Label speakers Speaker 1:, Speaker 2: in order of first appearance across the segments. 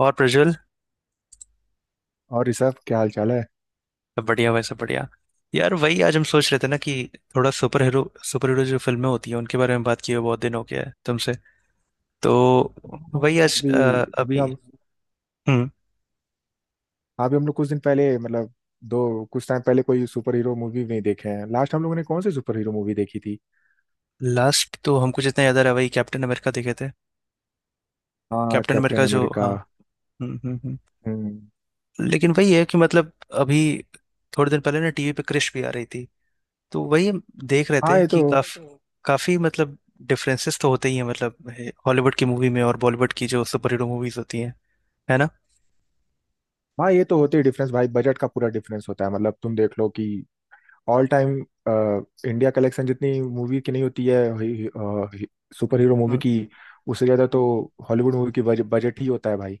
Speaker 1: और प्रज्वल।
Speaker 2: और ऋषभ क्या हाल चाल है?
Speaker 1: सब बढ़िया भाई, सब बढ़िया। यार वही आज हम सोच रहे थे ना कि थोड़ा सुपर हीरो जो फिल्में होती हैं उनके बारे में बात किए हुए बहुत दिन हो गया है तुमसे। तो
Speaker 2: हाँ।
Speaker 1: वही आज
Speaker 2: अभी अभी
Speaker 1: अभी।
Speaker 2: हम
Speaker 1: हम्म।
Speaker 2: अभी हम लोग कुछ दिन पहले दो कुछ टाइम पहले कोई सुपर हीरो मूवी नहीं देखे हैं। लास्ट हम लोगों ने कौन सी सुपर हीरो मूवी देखी थी?
Speaker 1: लास्ट तो हमको जितना याद आ रहा है वही कैप्टन अमेरिका देखे थे।
Speaker 2: हाँ,
Speaker 1: कैप्टन
Speaker 2: कैप्टन
Speaker 1: अमेरिका जो,
Speaker 2: अमेरिका।
Speaker 1: हाँ। हम्म हम्म हम्म।
Speaker 2: हम्म।
Speaker 1: लेकिन वही है कि मतलब अभी थोड़े दिन पहले ना टीवी पे क्रिश भी आ रही थी, तो वही हम देख रहे
Speaker 2: हाँ
Speaker 1: थे
Speaker 2: ये तो
Speaker 1: कि काफी काफी मतलब डिफरेंसेस तो होते ही हैं, मतलब हॉलीवुड की मूवी में और बॉलीवुड की जो सुपर हीरो मूवीज होती हैं, है ना।
Speaker 2: हाँ, ये तो होते ही डिफरेंस, भाई। बजट का पूरा डिफरेंस होता है, तुम देख लो कि ऑल टाइम इंडिया कलेक्शन जितनी मूवी की नहीं होती है सुपर हीरो मूवी
Speaker 1: हम्म
Speaker 2: की, उससे ज्यादा तो
Speaker 1: हम्म,
Speaker 2: हॉलीवुड मूवी की बजट ही होता है, भाई।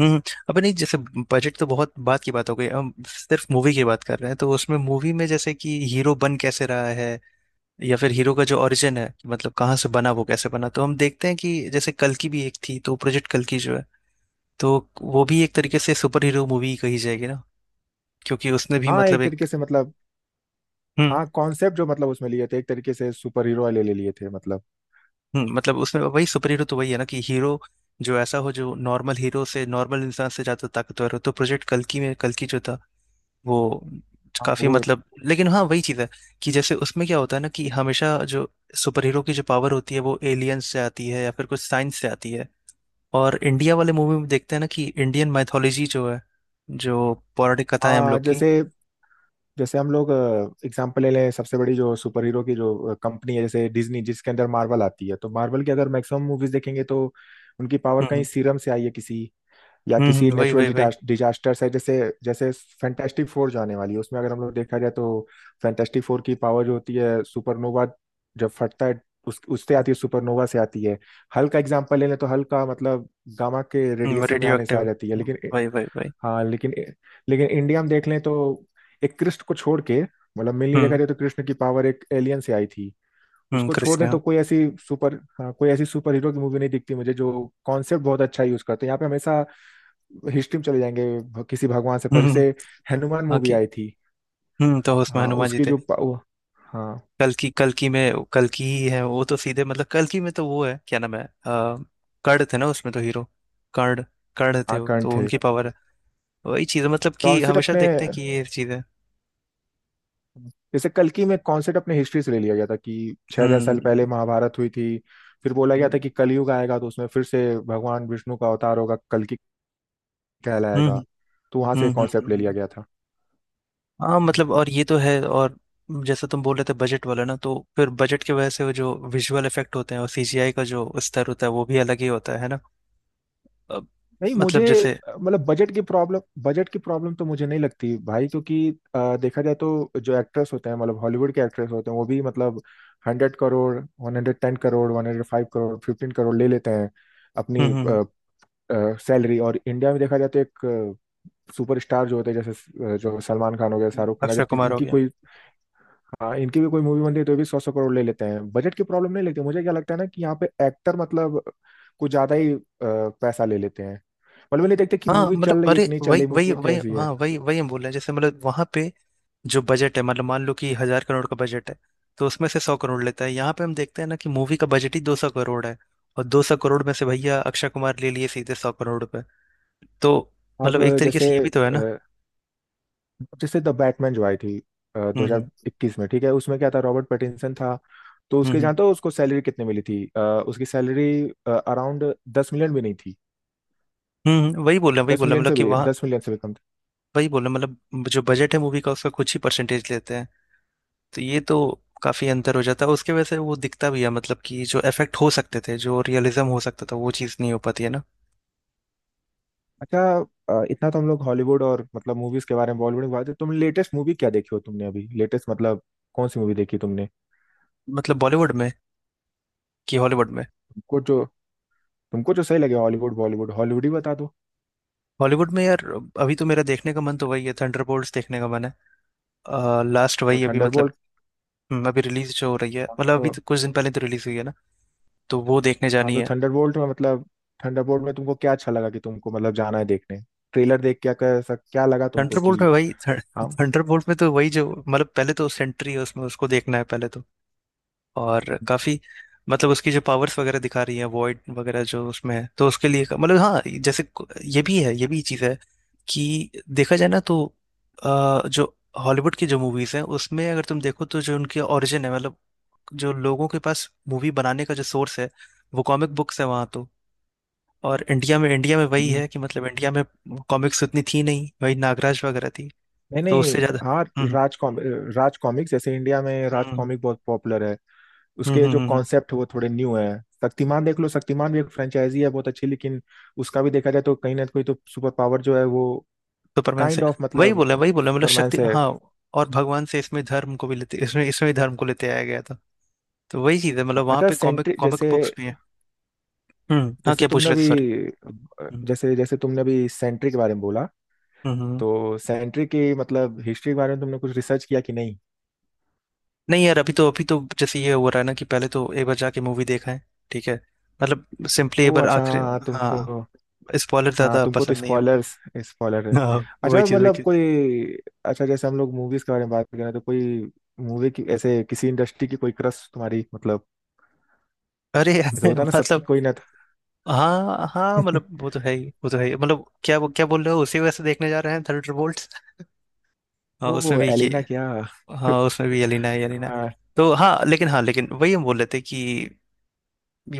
Speaker 1: हम्म। अब नहीं जैसे बजट तो बहुत बात की बात हो गई, हम सिर्फ मूवी की बात कर रहे हैं तो उसमें मूवी में जैसे कि हीरो बन कैसे रहा है या फिर हीरो का जो ओरिजिन है, मतलब कहाँ से बना वो कैसे बना। तो हम देखते हैं कि जैसे कल की भी एक थी, तो प्रोजेक्ट कल की जो है तो वो भी एक तरीके से सुपर हीरो मूवी कही जाएगी ना, क्योंकि उसने भी
Speaker 2: हाँ,
Speaker 1: मतलब
Speaker 2: एक
Speaker 1: एक।
Speaker 2: तरीके से
Speaker 1: हम्म
Speaker 2: हाँ, कॉन्सेप्ट जो उसमें लिए थे, एक तरीके से सुपर हीरो वाले ले लिए थे
Speaker 1: हम्म। मतलब उसमें वही सुपर हीरो तो वही है ना कि हीरो जो ऐसा हो जो नॉर्मल हीरो से नॉर्मल इंसान से ज्यादा ताकतवर हो। तो प्रोजेक्ट कल्कि में कल्कि जो था वो
Speaker 2: हाँ
Speaker 1: काफी
Speaker 2: वो
Speaker 1: मतलब लेकिन हाँ वही चीज है कि जैसे उसमें क्या होता है ना कि हमेशा जो सुपर हीरो की जो पावर होती है वो एलियंस से आती है या फिर कुछ साइंस से आती है। और इंडिया वाले मूवी में देखते हैं ना कि इंडियन मैथोलॉजी जो है, जो पौराणिक कथा है हम
Speaker 2: हाँ।
Speaker 1: लोग की।
Speaker 2: जैसे जैसे हम लोग एग्जाम्पल ले लें। सबसे बड़ी जो सुपर हीरो की जो कंपनी है जैसे डिज्नी, जिसके अंदर मार्वल आती है, तो मार्वल की अगर मैक्सिमम मूवीज देखेंगे तो उनकी पावर कहीं
Speaker 1: हम्म
Speaker 2: सीरम से आई है, किसी या किसी
Speaker 1: वही वही
Speaker 2: नेचुरल
Speaker 1: वही।
Speaker 2: डिजास्टर है। जैसे जैसे फैंटास्टिक फोर जो आने वाली है, उसमें अगर हम लोग देखा जाए तो फैंटास्टिक फोर की पावर जो होती है सुपरनोवा, जब फटता है उस उससे आती है, सुपरनोवा से आती है। हल्क का एग्जांपल ले लें तो हल्क का गामा के रेडिएशन में
Speaker 1: रेडियो
Speaker 2: आने से
Speaker 1: एक्टिव।
Speaker 2: आ जाती है। लेकिन
Speaker 1: वही वही वही।
Speaker 2: हाँ लेकिन लेकिन इंडिया में देख लें तो एक कृष्ण को छोड़ के मेनली देखा
Speaker 1: हम्म
Speaker 2: जाए तो कृष्ण की पावर एक एलियन से आई थी। उसको छोड़
Speaker 1: कृष्ण
Speaker 2: दें
Speaker 1: हाँ।
Speaker 2: तो कोई ऐसी सुपर हाँ कोई ऐसी सुपर हीरो की मूवी नहीं दिखती मुझे, जो कॉन्सेप्ट बहुत अच्छा यूज करते हैं यहाँ पे। हमेशा हिस्ट्री में चले जाएंगे, किसी भगवान से। पर
Speaker 1: हम्म,
Speaker 2: जैसे हनुमान
Speaker 1: हाँ
Speaker 2: मूवी
Speaker 1: कि
Speaker 2: आई थी।
Speaker 1: तो उसमें
Speaker 2: हाँ,
Speaker 1: हनुमान जी
Speaker 2: उसकी
Speaker 1: थे।
Speaker 2: जो वो, हाँ।
Speaker 1: कल्कि कल्कि में कल्कि ही है वो तो, सीधे मतलब कल्कि में तो वो है क्या नाम है कर्ण थे ना उसमें तो हीरो। कर्ण। कर्ण थे
Speaker 2: हाँ,
Speaker 1: वो
Speaker 2: कर्ण
Speaker 1: तो,
Speaker 2: थे।
Speaker 1: उनकी पावर है वही चीज है, मतलब कि
Speaker 2: कॉन्सेप्ट
Speaker 1: हमेशा
Speaker 2: अपने
Speaker 1: देखते हैं कि ये चीजें।
Speaker 2: जैसे कल्कि में कॉन्सेप्ट अपने हिस्ट्री से ले लिया गया था कि 6,000 साल पहले
Speaker 1: हम्म
Speaker 2: महाभारत हुई थी। फिर बोला गया था
Speaker 1: हम्म
Speaker 2: कि कलयुग आएगा तो उसमें फिर से भगवान विष्णु का अवतार होगा, कल्कि
Speaker 1: हम्म
Speaker 2: कहलाएगा। तो वहां
Speaker 1: हम्म
Speaker 2: से
Speaker 1: हम्म,
Speaker 2: कॉन्सेप्ट ले लिया
Speaker 1: हम्म।
Speaker 2: गया था।
Speaker 1: हाँ मतलब और ये तो है, और जैसे तुम बोल रहे थे बजट वाला ना, तो फिर बजट की वजह से वो जो विजुअल इफेक्ट होते हैं और सीजीआई का जो स्तर होता है वो भी अलग ही होता है ना। अब
Speaker 2: नहीं, मुझे
Speaker 1: मतलब जैसे
Speaker 2: अ, मतलब बजट की प्रॉब्लम, बजट की प्रॉब्लम तो मुझे नहीं लगती, भाई। क्योंकि देखा जाए तो जो एक्ट्रेस होते हैं, हॉलीवुड के एक्ट्रेस होते हैं, वो भी 100 करोड़, 110 करोड़, 105 करोड़, 15 करोड़ ले लेते हैं
Speaker 1: हम्म
Speaker 2: अपनी
Speaker 1: हम्म
Speaker 2: सैलरी। और इंडिया में देखा जाए तो एक सुपरस्टार जो होते हैं, जैसे जो सलमान खान हो गया, शाहरुख खान,
Speaker 1: अक्षय
Speaker 2: अगर
Speaker 1: कुमार हो
Speaker 2: इनकी
Speaker 1: गया।
Speaker 2: कोई, हाँ, इनकी भी कोई मूवी बनती है तो ये भी 100-100 करोड़ ले लेते हैं। बजट की प्रॉब्लम नहीं लगती मुझे। क्या लगता है ना कि यहाँ पे एक्टर कुछ ज्यादा ही पैसा ले लेते हैं। मतलब ये नहीं देखते कि
Speaker 1: हाँ
Speaker 2: मूवी
Speaker 1: मतलब
Speaker 2: चल रही है
Speaker 1: अरे
Speaker 2: कि नहीं चल
Speaker 1: वही
Speaker 2: रही,
Speaker 1: वही
Speaker 2: मूवी
Speaker 1: वही
Speaker 2: कैसी है।
Speaker 1: हाँ वही वही, हम बोल रहे हैं जैसे मतलब वहां पे जो बजट है मतलब मान लो कि 1,000 करोड़ का बजट है, तो उसमें से 100 करोड़ लेता है। यहाँ पे हम देखते हैं ना कि मूवी का बजट ही 200 करोड़ है, और 200 करोड़ में से भैया अक्षय कुमार ले लिए सीधे 100 करोड़ पे। तो मतलब एक
Speaker 2: अब
Speaker 1: तरीके
Speaker 2: जैसे
Speaker 1: से ये भी तो है ना।
Speaker 2: जैसे द बैटमैन जो आई थी दो
Speaker 1: हम्म हम्म
Speaker 2: हजार इक्कीस में, ठीक है, उसमें क्या था, रॉबर्ट पैटिंसन था। तो
Speaker 1: हम्म
Speaker 2: उसके, जानते
Speaker 1: हम्म
Speaker 2: हो उसको सैलरी कितने मिली थी? उसकी सैलरी अराउंड 10 million भी नहीं थी।
Speaker 1: वही बोल रहे हैं वही बोल रहे हैं मतलब कि वहाँ
Speaker 2: 10 million से भी कम।
Speaker 1: वही बोल रहे हैं मतलब जो बजट है मूवी का उसका कुछ ही परसेंटेज लेते हैं। तो ये तो काफी अंतर हो जाता है, उसके वजह से वो दिखता भी है मतलब कि जो इफेक्ट हो सकते थे, जो रियलिज्म हो सकता था वो चीज़ नहीं हो पाती है ना।
Speaker 2: अच्छा। इतना तो हम लोग हॉलीवुड और मूवीज के बारे में, बॉलीवुड के बारे में तो तुम लेटेस्ट मूवी क्या देखी हो, तुमने अभी लेटेस्ट कौन सी मूवी देखी तुमने?
Speaker 1: मतलब बॉलीवुड में कि हॉलीवुड में।
Speaker 2: तुमको जो तुमको जो सही लगे, हॉलीवुड बॉलीवुड, हॉलीवुड ही बता दो।
Speaker 1: हॉलीवुड में यार अभी तो मेरा देखने का मन तो वही है, थंडरबोल्ट्स देखने का मन है। लास्ट
Speaker 2: तो
Speaker 1: वही अभी मतलब
Speaker 2: थंडरबोल्ट।
Speaker 1: अभी रिलीज जो हो रही है मतलब
Speaker 2: तो
Speaker 1: अभी तो कुछ दिन पहले तो रिलीज हुई है ना, तो वो देखने
Speaker 2: हाँ,
Speaker 1: जानी
Speaker 2: तो
Speaker 1: है।
Speaker 2: थंडरबोल्ट में थंडरबोल्ट में तुमको क्या अच्छा लगा कि तुमको जाना है देखने, ट्रेलर देख क्या कैसा क्या लगा तुमको
Speaker 1: थंडरबोल्ट
Speaker 2: कि?
Speaker 1: में वही
Speaker 2: हाँ।
Speaker 1: थंडरबोल्ट में तो वही जो मतलब पहले तो सेंट्री है उसमें, उसको देखना है पहले तो। और काफी मतलब उसकी जो पावर्स वगैरह दिखा रही है वॉइड वगैरह जो उसमें है, तो उसके लिए मतलब हाँ जैसे ये भी है, ये भी चीज़ है कि देखा जाए ना तो जो हॉलीवुड की जो मूवीज हैं उसमें अगर तुम देखो तो जो उनके ओरिजिन है मतलब जो लोगों के पास मूवी बनाने का जो सोर्स है वो कॉमिक बुक्स है वहाँ तो। और इंडिया में वही
Speaker 2: हम्म।
Speaker 1: है कि मतलब इंडिया में कॉमिक्स उतनी थी नहीं, वही नागराज वगैरह थी।
Speaker 2: नहीं
Speaker 1: तो
Speaker 2: नहीं।
Speaker 1: उससे ज्यादा।
Speaker 2: हाँ,
Speaker 1: हम्म
Speaker 2: राज कॉमिक, राज कॉमिक जैसे इंडिया में
Speaker 1: हम्म
Speaker 2: राज
Speaker 1: हम्म
Speaker 2: कॉमिक बहुत पॉपुलर है। उसके जो
Speaker 1: हम्म।
Speaker 2: कॉन्सेप्ट है वो थोड़े न्यू है। शक्तिमान देख लो, शक्तिमान भी एक फ्रेंचाइजी है बहुत अच्छी, लेकिन उसका भी देखा जाए तो कहीं ना कहीं तो सुपर पावर जो है वो
Speaker 1: सुपरमैन से
Speaker 2: काइंड ऑफ
Speaker 1: वही बोला मतलब
Speaker 2: सुपरमैन
Speaker 1: शक्ति
Speaker 2: से है।
Speaker 1: हाँ। और भगवान से इसमें धर्म को भी लेते इसमें इसमें भी धर्म को लेते आया गया था। तो वही चीज है मतलब वहां
Speaker 2: अच्छा,
Speaker 1: पे कॉमिक
Speaker 2: सेंट्रिक
Speaker 1: कॉमिक
Speaker 2: जैसे,
Speaker 1: बुक्स भी है। हम्म, हाँ
Speaker 2: जैसे
Speaker 1: क्या पूछ
Speaker 2: तुमने
Speaker 1: रहे थे
Speaker 2: अभी
Speaker 1: सॉरी। हम्म
Speaker 2: जैसे जैसे तुमने अभी सेंट्रिक के बारे में बोला
Speaker 1: हम्म।
Speaker 2: तो सेंट्रिक की हिस्ट्री के बारे में तुमने कुछ रिसर्च किया कि नहीं?
Speaker 1: नहीं यार, अभी तो जैसे ये हो रहा है ना कि पहले तो एक बार जाके मूवी देखा है। ठीक है। मतलब सिंपली एक
Speaker 2: ओ
Speaker 1: बार
Speaker 2: अच्छा हाँ
Speaker 1: आखिरी।
Speaker 2: हाँ, तुमको
Speaker 1: हाँ स्पॉइलर
Speaker 2: हाँ,
Speaker 1: ज्यादा
Speaker 2: तुमको तो
Speaker 1: पसंद नहीं है हमको।
Speaker 2: स्पॉयलर्स, स्पॉयलर है।
Speaker 1: हाँ वही
Speaker 2: अच्छा
Speaker 1: चीज वही चीज।
Speaker 2: कोई, अच्छा जैसे हम लोग मूवीज के बारे में बात कर रहे हैं तो कोई मूवी की, ऐसे किसी इंडस्ट्री की कोई क्रश तुम्हारी
Speaker 1: अरे
Speaker 2: ऐसा
Speaker 1: यार,
Speaker 2: होता है ना, सबकी
Speaker 1: मतलब
Speaker 2: कोई ना था।
Speaker 1: हाँ हाँ मतलब वो तो है ही वो तो है ही मतलब, क्या क्या बोल रहे हो, उसी वजह से देखने जा रहे हैं थंडरबोल्ट्स। हाँ उसमें
Speaker 2: ओ
Speaker 1: भी कि
Speaker 2: एलिना क्या।
Speaker 1: हाँ उसमें भी यलिना है यलिना।
Speaker 2: आ।
Speaker 1: तो हाँ लेकिन वही हम बोल रहे थे कि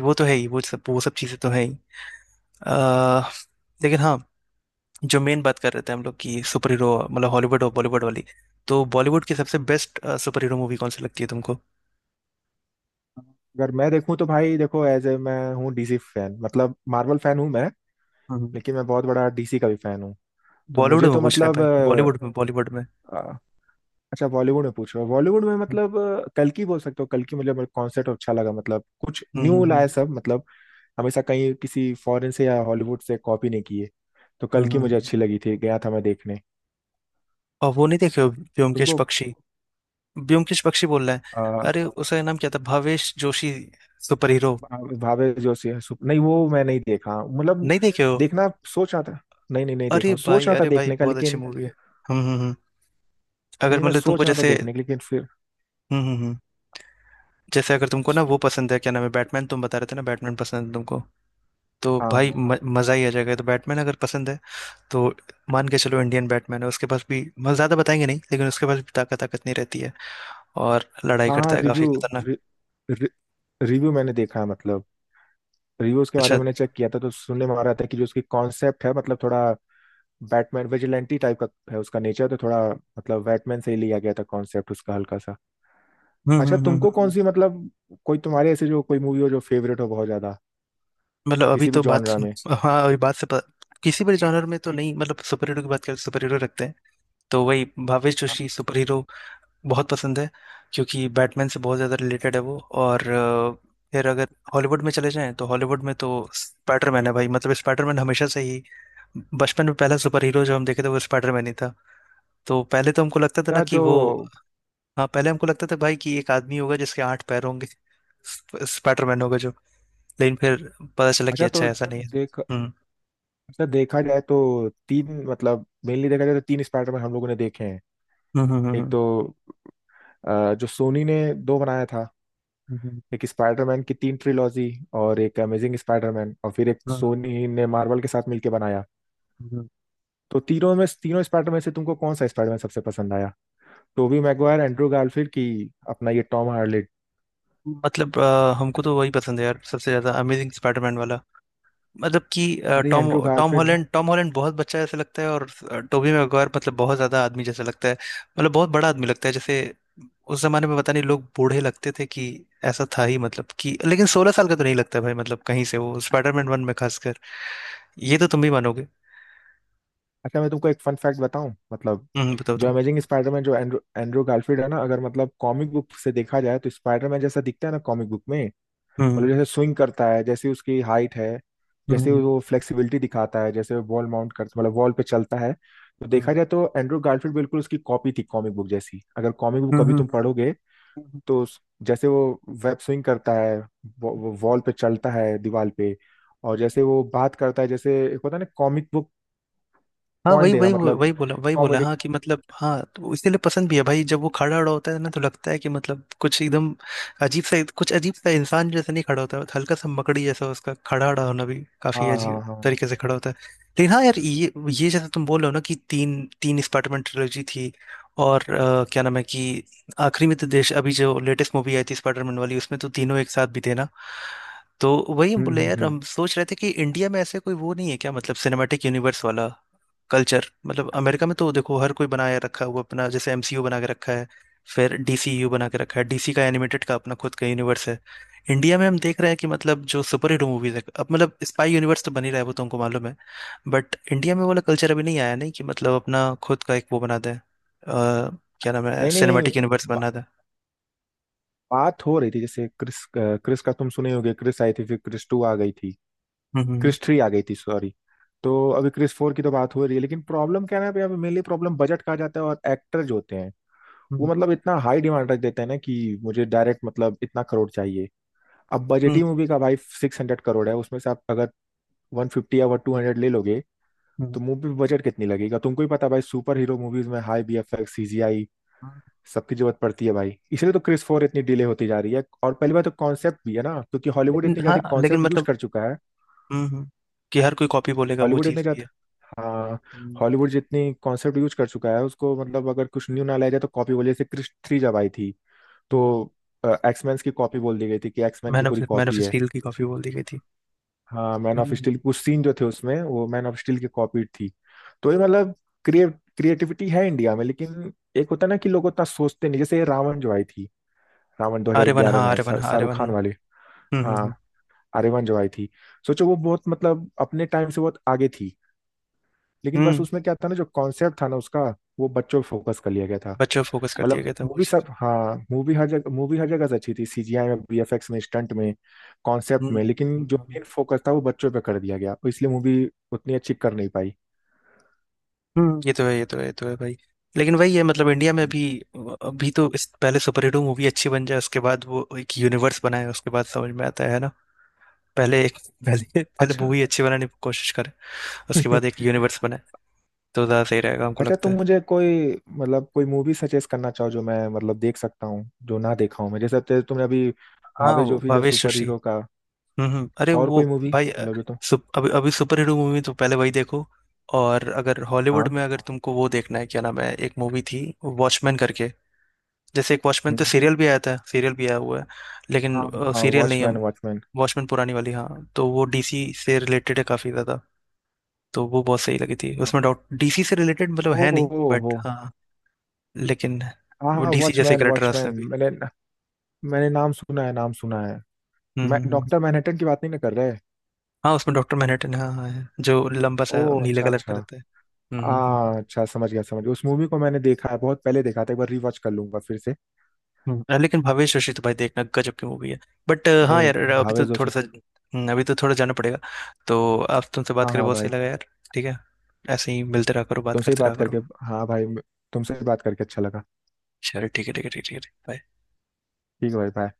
Speaker 1: वो तो है ही, वो सब चीज़ें तो है ही। अ, लेकिन हाँ जो मेन बात कर रहे थे हम लोग की सुपर हीरो मतलब हॉलीवुड और बॉलीवुड वाली, तो बॉलीवुड की सबसे बेस्ट सुपर हीरो मूवी कौन सी लगती है तुमको?
Speaker 2: अगर मैं देखूं तो भाई देखो, एज ए, मैं हूँ DC फैन, मार्वल फैन हूँ मैं,
Speaker 1: हम्म,
Speaker 2: लेकिन मैं बहुत बड़ा DC का भी फैन हूँ। तो
Speaker 1: बॉलीवुड
Speaker 2: मुझे
Speaker 1: में
Speaker 2: तो
Speaker 1: पूछ रहे हैं
Speaker 2: मतलब
Speaker 1: भाई, बॉलीवुड में बॉलीवुड में।
Speaker 2: अच्छा, बॉलीवुड में पूछ रहे हो। बॉलीवुड में
Speaker 1: हम्म
Speaker 2: कल की बोल सकते हो। कल की मेरे कॉन्सेप्ट अच्छा लगा, कुछ
Speaker 1: हम्म
Speaker 2: न्यू
Speaker 1: हम्म
Speaker 2: लाया
Speaker 1: हम्म।
Speaker 2: सब हमेशा कहीं किसी फॉरेन से या हॉलीवुड से कॉपी नहीं किए। तो कल
Speaker 1: हम्म,
Speaker 2: की मुझे
Speaker 1: हम्म।
Speaker 2: अच्छी लगी थी, गया था मैं देखने।
Speaker 1: और वो नहीं देखे हो ब्योमकेश
Speaker 2: तुमको
Speaker 1: बख्शी। ब्योमकेश बख्शी बोल रहा है,
Speaker 2: आ,
Speaker 1: अरे उसका नाम क्या था, भावेश जोशी सुपर हीरो।
Speaker 2: भावे जोशी है, नहीं, वो मैं नहीं देखा
Speaker 1: नहीं देखे हो?
Speaker 2: देखना सोच रहा था। नहीं नहीं, नहीं देखा, सोच रहा था
Speaker 1: अरे भाई
Speaker 2: देखने का,
Speaker 1: बहुत अच्छी
Speaker 2: लेकिन
Speaker 1: मूवी है। हम्म हम्म हम्म। अगर
Speaker 2: नहीं मैं
Speaker 1: मतलब तुमको
Speaker 2: सोच रहा था
Speaker 1: जैसे।
Speaker 2: देखने का लेकिन फिर,
Speaker 1: हम्म हम्म हम्म। जैसे अगर तुमको ना वो पसंद है, क्या नाम है बैटमैन, तुम बता रहे थे ना बैटमैन पसंद है तुमको, तो
Speaker 2: हाँ
Speaker 1: भाई
Speaker 2: हाँ
Speaker 1: मजा ही आ जाएगा। तो बैटमैन अगर पसंद है तो मान के चलो इंडियन बैटमैन है, उसके पास भी मतलब ज्यादा बताएंगे नहीं लेकिन उसके पास भी ताकत ताकत नहीं रहती है, और लड़ाई
Speaker 2: हाँ हाँ।
Speaker 1: करता है काफी
Speaker 2: रिव्यू,
Speaker 1: खतरनाक।
Speaker 2: रिव्यू मैंने देखा है रिव्यूज के बारे
Speaker 1: अच्छा।
Speaker 2: में मैंने चेक किया था। तो सुनने में आ रहा था कि जो उसकी कॉन्सेप्ट है थोड़ा बैटमैन विजिलेंटी टाइप का है, उसका नेचर तो थोड़ा बैटमैन से ही लिया गया था कॉन्सेप्ट उसका हल्का सा।
Speaker 1: हम्म हम्म
Speaker 2: अच्छा
Speaker 1: हम्म हम्म
Speaker 2: तुमको कौन सी
Speaker 1: हम्म।
Speaker 2: कोई तुम्हारे ऐसे जो कोई मूवी हो जो फेवरेट हो बहुत ज्यादा,
Speaker 1: मतलब अभी
Speaker 2: किसी भी
Speaker 1: तो बात,
Speaker 2: जॉनरा में?
Speaker 1: हाँ अभी बात से किसी भी जॉनर में तो नहीं, मतलब सुपर हीरो की बात करें, सुपर हीरो रखते हैं तो वही भावेश जोशी
Speaker 2: अच्छा
Speaker 1: सुपर हीरो बहुत पसंद है क्योंकि बैटमैन से बहुत ज़्यादा रिलेटेड है वो। और फिर अगर हॉलीवुड में चले जाएं तो हॉलीवुड में तो स्पाइडरमैन है भाई, मतलब स्पाइडरमैन हमेशा से ही बचपन में पहला सुपर हीरो जो हम देखे थे वो स्पाइडरमैन ही था। तो पहले तो हमको लगता था ना
Speaker 2: जो
Speaker 1: कि वो, हाँ पहले हमको लगता था भाई कि एक आदमी होगा जिसके आठ पैर होंगे, स्पाइडरमैन होगा जो। लेकिन फिर पता चला कि
Speaker 2: अच्छा
Speaker 1: अच्छा
Speaker 2: तो
Speaker 1: ऐसा नहीं है।
Speaker 2: देख
Speaker 1: हम्म
Speaker 2: अच्छा, देखा जाए तो तीन मेनली देखा जाए तो तीन स्पाइडरमैन हम लोगों ने देखे हैं।
Speaker 1: हम्म हम्म
Speaker 2: एक
Speaker 1: हम्म
Speaker 2: तो जो सोनी ने दो बनाया था,
Speaker 1: हम्म,
Speaker 2: एक स्पाइडरमैन की तीन ट्रिलॉजी और एक अमेजिंग स्पाइडरमैन, और फिर एक
Speaker 1: हम्म,
Speaker 2: सोनी ने मार्वल के साथ मिलकर बनाया।
Speaker 1: हम्म।
Speaker 2: तो तीनों में, तीनों स्पाइडरमैन से तुमको कौन सा स्पाइडरमैन सबसे पसंद आया? टोबी मैगवायर, एंड्रू गारफील्ड की, अपना ये टॉम हार्लेट।
Speaker 1: मतलब हमको तो वही पसंद है यार सबसे ज्यादा अमेजिंग स्पाइडरमैन वाला, मतलब कि
Speaker 2: अरे
Speaker 1: टॉम।
Speaker 2: एंड्रू गारफील्ड ना।
Speaker 1: टॉम हॉलैंड बहुत बच्चा जैसा लगता है, और टोबी मैguire मतलब बहुत ज्यादा आदमी जैसा लगता है, मतलब बहुत बड़ा आदमी लगता है जैसे उस जमाने में पता नहीं लोग बूढ़े लगते थे कि ऐसा था ही, मतलब कि लेकिन 16 साल का तो नहीं लगता भाई मतलब कहीं से वो, स्पाइडरमैन वन में खासकर ये तो तुम भी मानोगे।
Speaker 2: अच्छा, मैं तुमको एक फन फैक्ट बताऊं
Speaker 1: बताओ
Speaker 2: जो
Speaker 1: बताओ।
Speaker 2: अमेजिंग स्पाइडरमैन जो एंड्रू एंड्रू गारफील्ड है ना, अगर कॉमिक बुक से देखा जाए तो स्पाइडरमैन जैसा दिखता है ना कॉमिक बुक में,
Speaker 1: हम्म
Speaker 2: जैसे स्विंग करता है, जैसे उसकी हाइट है,
Speaker 1: हम्म
Speaker 2: जैसे
Speaker 1: हम्म
Speaker 2: वो फ्लेक्सिबिलिटी दिखाता है, जैसे वॉल माउंट करता, वॉल पे चलता है। तो देखा जाए तो एंड्रू गारफील्ड बिल्कुल उसकी कॉपी थी, कॉमिक बुक जैसी। अगर कॉमिक बुक
Speaker 1: हम्म
Speaker 2: कभी
Speaker 1: हम्म,
Speaker 2: तुम पढ़ोगे
Speaker 1: हम्म। हम्म,
Speaker 2: तो जैसे वो वेब स्विंग करता है, वो वॉल पे चलता है, दीवार पे, और
Speaker 1: हम्म।
Speaker 2: जैसे वो बात करता है जैसे एक होता है ना कॉमिक बुक
Speaker 1: हाँ
Speaker 2: पॉइंट
Speaker 1: वही
Speaker 2: देना,
Speaker 1: वही वही बोला वही बोला,
Speaker 2: कॉमेडी।
Speaker 1: हाँ कि मतलब हाँ तो इसीलिए पसंद भी है भाई, जब वो खड़ा खड़ा होता है ना तो लगता है कि मतलब कुछ एकदम अजीब सा, कुछ अजीब सा इंसान जैसा नहीं खड़ा होता है, हल्का सा मकड़ी जैसा उसका खड़ा खड़ा होना भी
Speaker 2: हाँ
Speaker 1: काफी
Speaker 2: हाँ
Speaker 1: अजीब
Speaker 2: हाँ हाँ।
Speaker 1: तरीके से खड़ा होता है। लेकिन हाँ यार, ये जैसा तुम बोल रहे हो ना कि तीन तीन स्पाइडरमैन ट्रिलॉजी थी, और क्या नाम है कि आखिरी में तो देश अभी जो लेटेस्ट मूवी आई थी स्पाइडरमैन वाली उसमें तो तीनों एक साथ भी थे ना। तो वही हम बोले यार,
Speaker 2: हम्म।
Speaker 1: हम सोच रहे थे कि इंडिया में ऐसे कोई वो नहीं है क्या, मतलब सिनेमैटिक यूनिवर्स वाला कल्चर, मतलब अमेरिका में तो देखो हर कोई बनाया रखा है वो अपना, जैसे एमसीयू बना के रखा है, फिर डीसीयू बना के रखा है, डीसी का एनिमेटेड का अपना खुद का यूनिवर्स है। इंडिया में हम देख रहे हैं कि मतलब जो सुपर हीरो मूवीज है अब, मतलब स्पाई यूनिवर्स तो बन ही रहा है वो तुमको मालूम है, बट इंडिया में वो वाला कल्चर अभी नहीं आया, नहीं कि मतलब अपना खुद का एक वो बना दें क्या नाम है
Speaker 2: नहीं नहीं
Speaker 1: सिनेमेटिक यूनिवर्स
Speaker 2: बा,
Speaker 1: बना दें।
Speaker 2: बात हो रही थी जैसे क्रिस क्रिस का तुम सुने होगे, क्रिस आई थी, फिर क्रिस टू आ गई थी,
Speaker 1: हम्म हम्म
Speaker 2: क्रिस थ्री आ गई थी, सॉरी। तो अभी क्रिस फोर की तो बात हो रही है, लेकिन प्रॉब्लम क्या है ना, अभी मेनली प्रॉब्लम बजट का आ जाता है। और एक्टर जो होते हैं वो
Speaker 1: हम्म
Speaker 2: इतना हाई डिमांड रख देते हैं ना कि मुझे डायरेक्ट इतना करोड़ चाहिए। अब
Speaker 1: हम्म,
Speaker 2: बजटी मूवी का, भाई, 600 करोड़ है, उसमें से आप अगर 150 या 200 ले लोगे
Speaker 1: हम्म, हम्म।
Speaker 2: तो मूवी बजट कितनी लगेगा तुमको ही पता है, भाई। सुपर हीरो मूवीज में हाई BFX, CGI
Speaker 1: हम्म,
Speaker 2: सबकी जरूरत पड़ती है, भाई। इसलिए तो क्रिस फोर इतनी डिले होती जा रही है। और पहली बात तो कॉन्सेप्ट भी है ना, क्योंकि हॉलीवुड
Speaker 1: लेकिन
Speaker 2: इतनी
Speaker 1: हाँ
Speaker 2: ज्यादा
Speaker 1: लेकिन
Speaker 2: कॉन्सेप्ट यूज
Speaker 1: मतलब।
Speaker 2: कर चुका है।
Speaker 1: हम्म हम्म, कि हर कोई कॉपी बोलेगा वो
Speaker 2: हॉलीवुड इतने
Speaker 1: चीज़ भी
Speaker 2: ज्यादा
Speaker 1: है।
Speaker 2: हाँ,
Speaker 1: हम्म
Speaker 2: हॉलीवुड जितनी कॉन्सेप्ट यूज कर चुका है उसको अगर कुछ न्यू ना लाया जाए तो कॉपी बोले। जैसे क्रिश थ्री जब आई थी तो
Speaker 1: हम्म,
Speaker 2: एक्समैन की कॉपी बोल दी गई थी कि एक्समैन की पूरी
Speaker 1: मैन
Speaker 2: कॉपी
Speaker 1: ऑफ
Speaker 2: है।
Speaker 1: स्टील की काफी बोल दी गई थी।
Speaker 2: हाँ, मैन ऑफ स्टील,
Speaker 1: हम्म।
Speaker 2: कुछ सीन जो थे उसमें वो मैन ऑफ स्टील की कॉपी थी। तो ये क्रिएट, क्रिएटिविटी है इंडिया में, लेकिन एक होता है ना कि लोग उतना सोचते नहीं। जैसे ये रावण जो आई थी, रावण
Speaker 1: आर्य वन हाँ
Speaker 2: 2011 में,
Speaker 1: आर्य वन हाँ आर्य
Speaker 2: शाहरुख
Speaker 1: वन
Speaker 2: खान वाले।
Speaker 1: हम्म। हम्म
Speaker 2: हाँ
Speaker 1: हम्म
Speaker 2: आर्यमन जो आई थी, सोचो वो बहुत अपने टाइम से बहुत आगे थी, लेकिन बस
Speaker 1: हम्म,
Speaker 2: उसमें क्या था ना, जो कॉन्सेप्ट था ना उसका, वो बच्चों पे फोकस कर लिया गया था।
Speaker 1: बच्चों पे फोकस कर दिया गया था वो
Speaker 2: मूवी सब,
Speaker 1: चीज।
Speaker 2: हाँ मूवी हर जगह, मूवी हर जगह से अच्छी थी, CGI में, VFX में, स्टंट में, कॉन्सेप्ट
Speaker 1: हम्म
Speaker 2: में, लेकिन जो
Speaker 1: हम्म, हम्म।
Speaker 2: मेन फोकस था वो बच्चों पे कर दिया गया और इसलिए मूवी उतनी अच्छी कर नहीं पाई।
Speaker 1: हम्म, ये तो है ये तो है ये तो है भाई। लेकिन वही है मतलब इंडिया में अभी अभी तो इस पहले सुपर हीरो मूवी अच्छी बन जाए, उसके बाद वो एक यूनिवर्स बनाए उसके बाद समझ में आता है ना। पहले एक पहले पहले
Speaker 2: अच्छा।
Speaker 1: मूवी अच्छी बनाने की कोशिश करें, उसके बाद एक यूनिवर्स बनाए, तो ज्यादा सही रहेगा हमको
Speaker 2: अच्छा,
Speaker 1: लगता
Speaker 2: तुम
Speaker 1: है।
Speaker 2: मुझे कोई कोई मूवी सजेस्ट करना चाहो जो मैं देख सकता हूँ जो ना देखा हूँ मैं, जैसे तुमने अभी
Speaker 1: हाँ
Speaker 2: भावे
Speaker 1: वो
Speaker 2: जोफी या
Speaker 1: भावेश।
Speaker 2: सुपर हीरो का,
Speaker 1: अरे
Speaker 2: और
Speaker 1: वो
Speaker 2: कोई मूवी
Speaker 1: भाई
Speaker 2: जो तुम,
Speaker 1: अभी अभी सुपर हीरो मूवी तो पहले वही देखो। और अगर हॉलीवुड
Speaker 2: हाँ।
Speaker 1: में अगर तुमको वो देखना है क्या नाम है, एक मूवी थी वॉचमैन करके, जैसे एक वॉचमैन तो
Speaker 2: हम्म,
Speaker 1: सीरियल भी आया था सीरियल भी आया हुआ है, लेकिन
Speaker 2: हाँ,
Speaker 1: सीरियल नहीं है
Speaker 2: वॉचमैन, वॉचमैन।
Speaker 1: वॉचमैन पुरानी वाली हाँ। तो वो डीसी से रिलेटेड है काफी ज्यादा, तो वो बहुत सही लगी थी, उसमें डॉट डीसी से रिलेटेड मतलब
Speaker 2: ओ
Speaker 1: है नहीं
Speaker 2: हो
Speaker 1: बट
Speaker 2: हो।
Speaker 1: हाँ लेकिन
Speaker 2: हाँ
Speaker 1: वो
Speaker 2: हाँ,
Speaker 1: डीसी जैसे
Speaker 2: वॉचमैन,
Speaker 1: करेक्टर है
Speaker 2: वॉचमैन
Speaker 1: उसमें भी।
Speaker 2: मैंने मैंने नाम सुना है, नाम सुना है।
Speaker 1: हम्म
Speaker 2: मैं
Speaker 1: हम्म हम्म।
Speaker 2: डॉक्टर मैनहट्टन की बात नहीं ना कर रहे?
Speaker 1: हाँ उसमें डॉक्टर मैनहट्टन हाँ हाँ है, जो लंबा सा
Speaker 2: ओ
Speaker 1: नीले
Speaker 2: अच्छा
Speaker 1: कलर
Speaker 2: अच्छा।
Speaker 1: का रहता है। हम्म हम्म हम्म।
Speaker 2: आ। अच्छा समझ गया, समझ गया। उस मूवी को मैंने देखा है, बहुत पहले देखा था, एक बार रीवॉच कर लूंगा फिर से।
Speaker 1: लेकिन भावेश रशी तो भाई देखना, गजब की मूवी है, बट हाँ
Speaker 2: नहीं,
Speaker 1: यार अभी
Speaker 2: भावे
Speaker 1: तो
Speaker 2: जोशी।
Speaker 1: थोड़ा सा अभी तो थोड़ा जाना पड़ेगा। तो आप तुमसे बात
Speaker 2: हाँ
Speaker 1: करें
Speaker 2: हाँ
Speaker 1: बहुत सही
Speaker 2: भाई।
Speaker 1: लगा यार, ठीक है, ऐसे ही मिलते रहा करो बात
Speaker 2: तुमसे ही
Speaker 1: करते रहा
Speaker 2: बात
Speaker 1: करो।
Speaker 2: करके, हाँ भाई, तुमसे ही बात करके अच्छा लगा।
Speaker 1: चलो ठीक है ठीक है ठीक है ठीक है बाय।
Speaker 2: ठीक है भाई, बाय।